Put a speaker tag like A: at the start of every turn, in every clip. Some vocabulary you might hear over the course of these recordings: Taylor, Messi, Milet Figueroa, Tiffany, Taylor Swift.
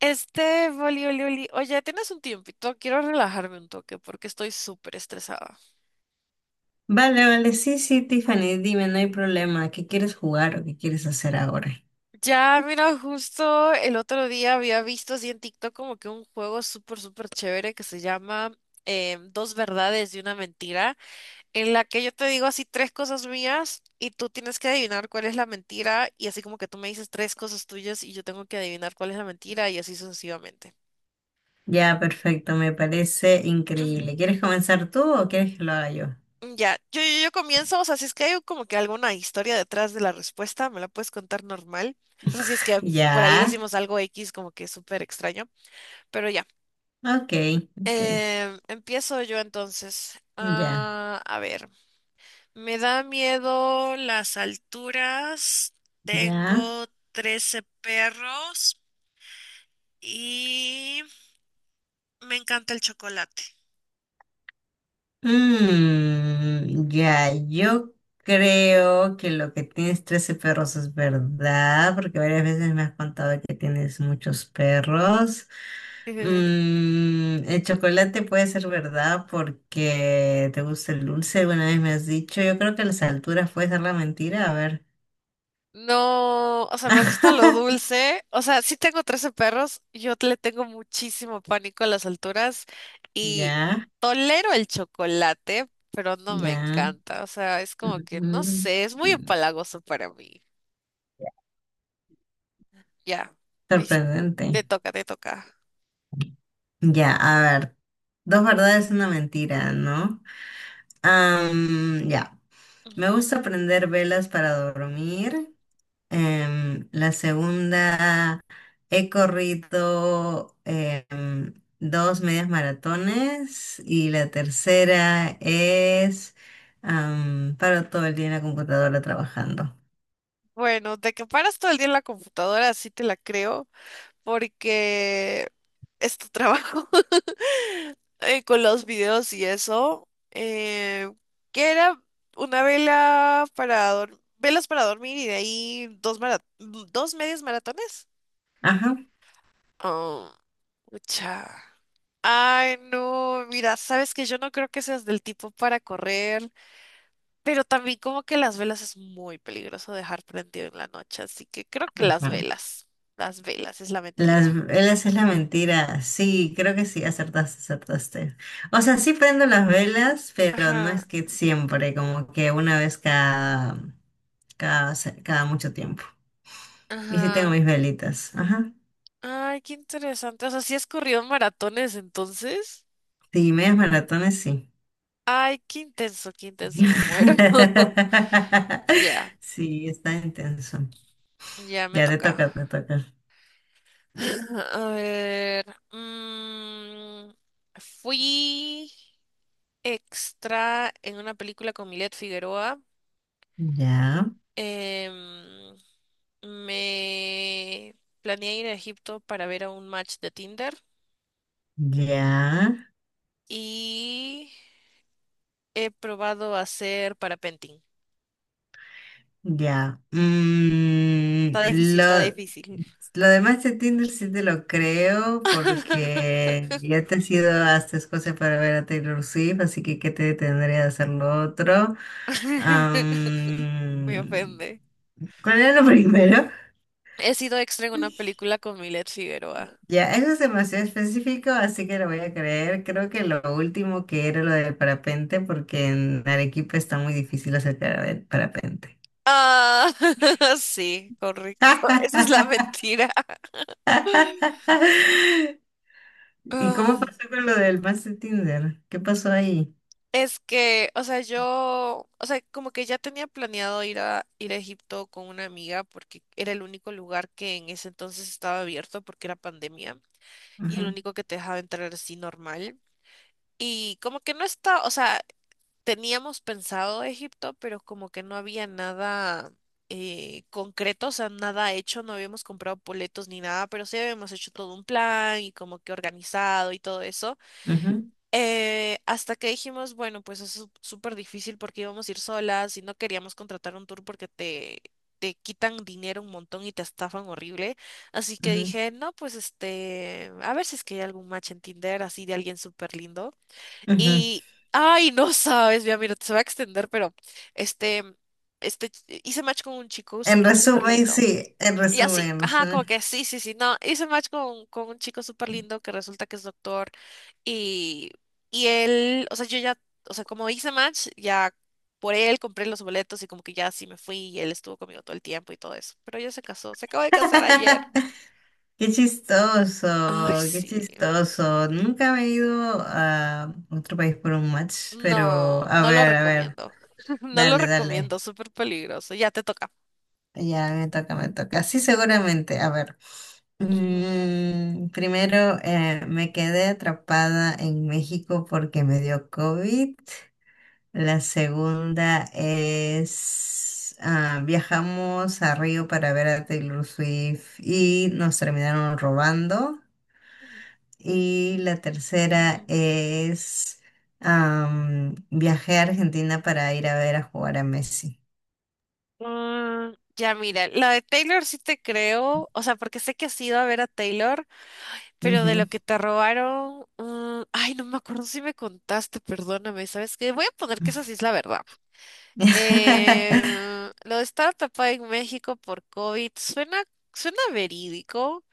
A: Oli, Oli, Oli, oye, ¿tienes un tiempito? Quiero relajarme un toque porque estoy súper estresada.
B: Vale, vale, sí, sí, Tiffany, dime, no hay problema. ¿Qué quieres jugar o qué quieres hacer ahora?
A: Ya, mira, justo el otro día había visto así en TikTok como que un juego súper, súper chévere que se llama Dos verdades y una mentira, en la que yo te digo así tres cosas mías y tú tienes que adivinar cuál es la mentira y así como que tú me dices tres cosas tuyas y yo tengo que adivinar cuál es la mentira y así sucesivamente.
B: Ya, perfecto, me parece increíble. ¿Quieres comenzar tú o quieres que lo haga yo?
A: Ya, yo comienzo. O sea, si es que hay como que alguna historia detrás de la respuesta, me la puedes contar normal. O sea, si es que por ahí
B: Ya,
A: decimos algo X como que súper extraño, pero ya.
B: ok, ok,
A: Empiezo yo entonces.
B: ya,
A: Ah, a ver, me da miedo las alturas,
B: ya.
A: tengo 13 perros y me encanta el chocolate.
B: Mm, ya, yo creo que lo que tienes 13 perros es verdad, porque varias veces me has contado que tienes muchos perros. El chocolate puede ser verdad porque te gusta el dulce, alguna vez me has dicho. Yo creo que las alturas puede ser la mentira, a ver.
A: No, o sea, me gusta lo dulce. O sea, sí tengo 13 perros. Yo le tengo muchísimo pánico a las alturas y
B: Ya,
A: tolero el chocolate, pero no me
B: ya.
A: encanta. O sea, es como que, no
B: Ujú.
A: sé, es muy empalagoso para mí. Ya, listo. Te
B: Sorprendente.
A: toca, te toca.
B: Ya, a ver, dos verdades, una mentira, ¿no? Ya. Me
A: Ujú.
B: gusta prender velas para dormir. La segunda, he corrido dos medias maratones. Y la tercera es, paro todo el día en la computadora trabajando.
A: Bueno, de que paras todo el día en la computadora, sí te la creo, porque es tu trabajo. Con los videos y eso, que era una vela para dormir, velas para dormir y de ahí dos medios maratones.
B: Ajá.
A: Oh, mucha. Ay, no, mira, sabes que yo no creo que seas del tipo para correr, pero también como que las velas es muy peligroso dejar prendido en la noche, así que creo que
B: Ajá.
A: las velas es la mentira.
B: Las velas es la mentira. Sí, creo que sí, acertaste, acertaste. O sea, sí prendo las velas, pero no
A: Ajá,
B: es que siempre, como que una vez cada... cada, cada mucho tiempo. Y sí tengo
A: ajá.
B: mis velitas. Ajá.
A: Ay, qué interesante. O sea, sí has corrido maratones entonces.
B: Sí, medias maratones, sí.
A: Ay, qué intenso, me muero. Ya,
B: Sí, está intenso.
A: ya me
B: Ya te
A: toca.
B: toca, te toca.
A: A ver. mm, Fui extra en una película con Milet Figueroa.
B: Ya,
A: Em, Me planeé ir a Egipto para ver a un match de Tinder
B: ya,
A: y he probado hacer parapenting.
B: ya.
A: Está difícil,
B: Lo,
A: está difícil.
B: lo demás de Tinder sí te lo creo porque ya te has ido hasta Escocia para ver a Taylor Swift, así que ¿qué te detendría de hacer lo otro?
A: Me
B: Am,
A: ofende.
B: ¿Cuál era lo primero?
A: He sido extra en una película con Milet Figueroa.
B: Ya, eso es demasiado específico, así que lo voy a creer. Creo que lo último que era lo del parapente, porque en Arequipa está muy difícil acercar el parapente.
A: Ah, sí, correcto. Esa es la mentira.
B: ¿Y cómo
A: Ah,
B: pasó con lo del match de Tinder? ¿Qué pasó ahí?
A: Es que, o sea, yo, o sea, como que ya tenía planeado ir a Egipto con una amiga porque era el único lugar que en ese entonces estaba abierto porque era pandemia y el
B: Ajá,
A: único que te dejaba entrar así normal. Y como que no está, o sea, teníamos pensado Egipto, pero como que no había nada concreto, o sea, nada hecho, no habíamos comprado boletos ni nada, pero sí habíamos hecho todo un plan y como que organizado y todo eso.
B: ajá,
A: Hasta que dijimos, bueno, pues es súper difícil porque íbamos a ir solas y no queríamos contratar un tour porque te quitan dinero un montón y te estafan horrible. Así que
B: ajá,
A: dije, no, pues a ver si es que hay algún match en Tinder así de alguien súper lindo.
B: ajá.
A: Y, ay, no sabes, ya mira, se va a extender, pero este, este, hice match con un chico
B: En
A: súper, súper
B: resumen,
A: lindo.
B: sí, en
A: Y
B: resumen,
A: así,
B: en
A: ajá, como
B: resumen.
A: que sí, sí, sí, no, hice match con un chico súper lindo que resulta que es doctor y, y él, o sea, yo ya, o sea, como hice match, ya por él compré los boletos y como que ya así me fui y él estuvo conmigo todo el tiempo y todo eso. Pero ya se casó, se acaba de casar ayer.
B: Qué chistoso,
A: Ay,
B: qué
A: sí.
B: chistoso. Nunca me he ido a otro país por un match, pero
A: No, no lo
B: a ver,
A: recomiendo. No lo
B: dale, dale.
A: recomiendo, súper peligroso. Ya te toca.
B: Ya, me toca, me toca. Sí, seguramente. A ver.
A: Ujú.
B: Primero, me quedé atrapada en México porque me dio COVID. La segunda es, viajamos a Río para ver a Taylor Swift y nos terminaron robando. Y la tercera
A: Mm,
B: es, viajé a Argentina para ir a ver a jugar a Messi.
A: ya, mira, la de Taylor sí te creo, o sea, porque sé que has ido a ver a Taylor, pero de lo
B: Ujú.
A: que te robaron, ay, no me acuerdo si me contaste, perdóname, ¿sabes qué? Voy a poner que esa sí es la verdad. Lo de estar atrapada en México por COVID suena, suena verídico,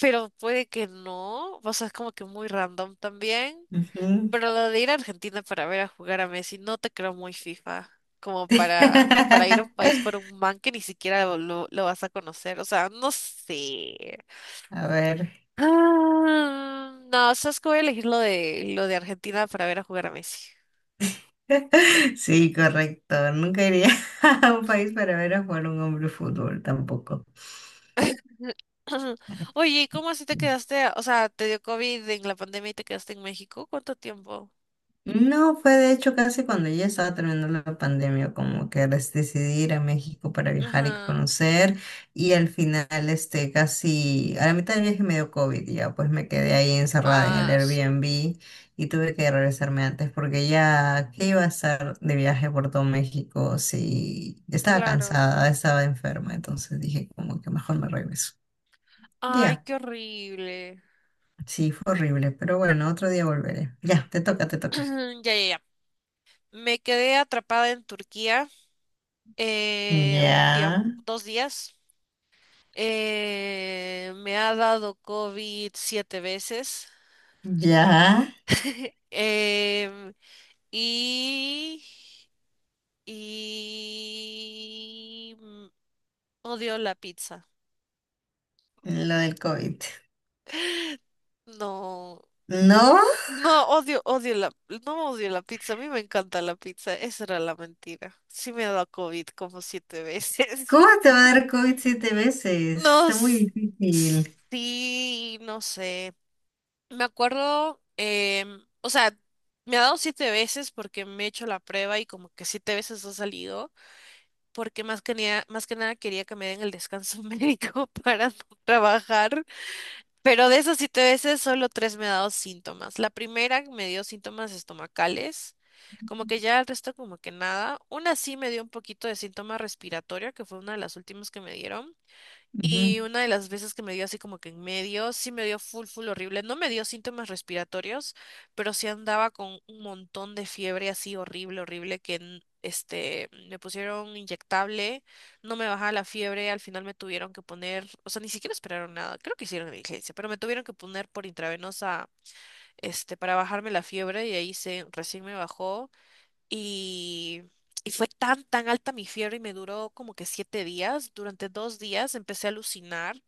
A: pero puede que no, o sea, es como que muy random también.
B: Ujú.
A: Pero lo de ir a Argentina para ver a jugar a Messi, no te creo muy FIFA, como para ir a un país por un man que ni siquiera lo vas a conocer. O sea, no sé.
B: A ver.
A: Ah, no, sabes que voy a elegir lo de Argentina para ver a jugar a Messi.
B: Sí, correcto. Nunca iría a un país para ver a jugar un hombre fútbol tampoco.
A: Oye, ¿y cómo así te quedaste? O sea, te dio COVID en la pandemia y te quedaste en México. ¿Cuánto tiempo?
B: No, fue de hecho casi cuando ya estaba terminando la pandemia, como que decidí ir a México para viajar y
A: Ajá.
B: conocer, y al final, este, casi a la mitad del viaje me dio COVID, y ya pues me quedé ahí encerrada en el
A: Ah,
B: Airbnb y tuve que regresarme antes porque ya, ¿qué iba a estar de viaje por todo México si estaba
A: claro.
B: cansada, estaba enferma? Entonces dije como que mejor me regreso.
A: Ay,
B: Ya,
A: qué horrible.
B: sí, fue horrible, pero bueno, otro día volveré. Ya, te toca, te toca.
A: Ya, ya, ya. Me quedé atrapada en Turquía, un
B: Ya,
A: tiempo, 2 días. Me ha dado COVID siete veces.
B: ya.
A: Em, y, y odio la pizza.
B: Lo del COVID.
A: No,
B: ¿No?
A: no odio, odio la, no odio la pizza. A mí me encanta la pizza. Esa era la mentira. Sí me ha dado COVID como siete veces.
B: ¿Cómo te va a dar COVID siete veces?
A: No,
B: Está muy difícil.
A: sí, no sé. Me acuerdo, o sea, me ha dado siete veces porque me he hecho la prueba y como que siete veces ha salido, porque más que nada quería que me den el descanso médico para no trabajar, pero de esas siete veces solo tres me ha dado síntomas. La primera me dio síntomas estomacales, como que ya el resto como que nada. Una sí me dio un poquito de síntoma respiratorio, que fue una de las últimas que me dieron.
B: Ujú.
A: Y una de las veces que me dio así como que en medio, sí me dio full, full horrible. No me dio síntomas respiratorios, pero sí andaba con un montón de fiebre así horrible, horrible, que me pusieron inyectable, no me bajaba la fiebre, al final me tuvieron que poner, o sea, ni siquiera esperaron nada, creo que hicieron diligencia, pero me tuvieron que poner por intravenosa, para bajarme la fiebre y ahí recién me bajó. Y, y fue tan, tan alta mi fiebre y me duró como que 7 días. Durante 2 días empecé a alucinar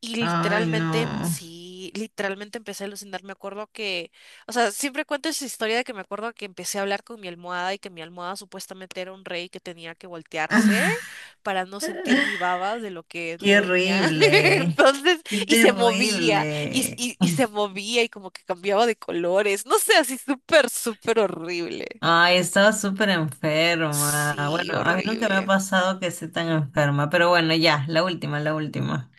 A: y
B: Ay,
A: literalmente,
B: no.
A: sí, literalmente empecé a alucinar. Me acuerdo que, o sea, siempre cuento esa historia de que me acuerdo que empecé a hablar con mi almohada y que mi almohada supuestamente era un rey que tenía que voltearse para no sentir
B: Ah,
A: mi baba de lo que me
B: qué
A: dormía.
B: horrible.
A: Entonces,
B: Qué
A: y se movía y,
B: terrible.
A: y, y se movía y como que cambiaba de colores. No sé, así súper, súper horrible.
B: Ay, estaba súper enferma.
A: Sí,
B: Bueno, a mí nunca me ha
A: horrible.
B: pasado que esté tan enferma, pero bueno, ya, la última, la última.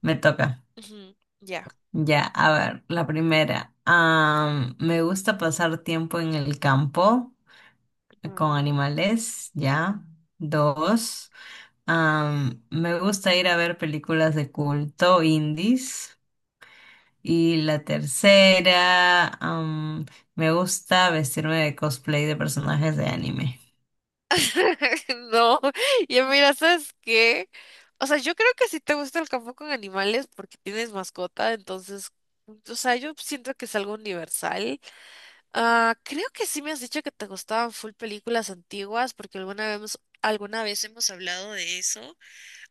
B: Me toca.
A: Ujú. Ya.
B: Ya, a ver, la primera. Me gusta pasar tiempo en el campo con
A: Ujú.
B: animales, ya. Dos, me gusta ir a ver películas de culto indies. Y la tercera, me gusta vestirme de cosplay de personajes de anime.
A: No, y mira, ¿sabes qué? O sea, yo creo que si te gusta el campo con animales porque tienes mascota, entonces, o sea, yo siento que es algo universal. Ah, creo que sí me has dicho que te gustaban full películas antiguas porque alguna vez hemos hablado de eso,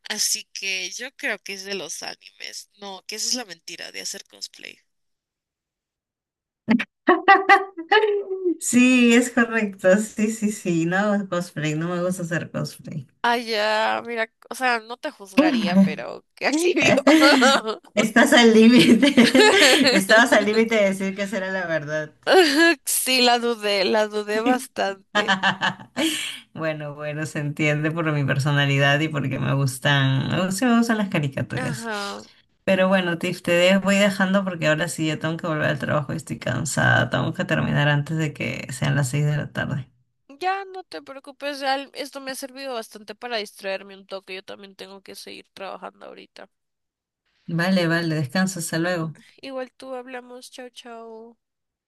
A: así que yo creo que es de los animes. No, que esa es la mentira de hacer cosplay.
B: Sí, es correcto. Sí, sí, sí. No hago cosplay, no me gusta hacer cosplay.
A: Ah, ya, mira, o sea, no te juzgaría, pero qué alivio.
B: Estás al límite. Estabas al límite de decir que esa era la verdad.
A: Sí, la dudé bastante.
B: Bueno, bueno, se entiende por mi personalidad y porque me gustan las caricaturas.
A: Ajá.
B: Pero bueno, Tiff, voy dejando porque ahora sí ya tengo que volver al trabajo y estoy cansada. Tengo que terminar antes de que sean las 6 de la tarde.
A: Ya, no te preocupes, ya esto me ha servido bastante para distraerme un toque. Yo también tengo que seguir trabajando ahorita.
B: Vale, vale, descansa, hasta luego.
A: Igual tú hablamos, chao, chao.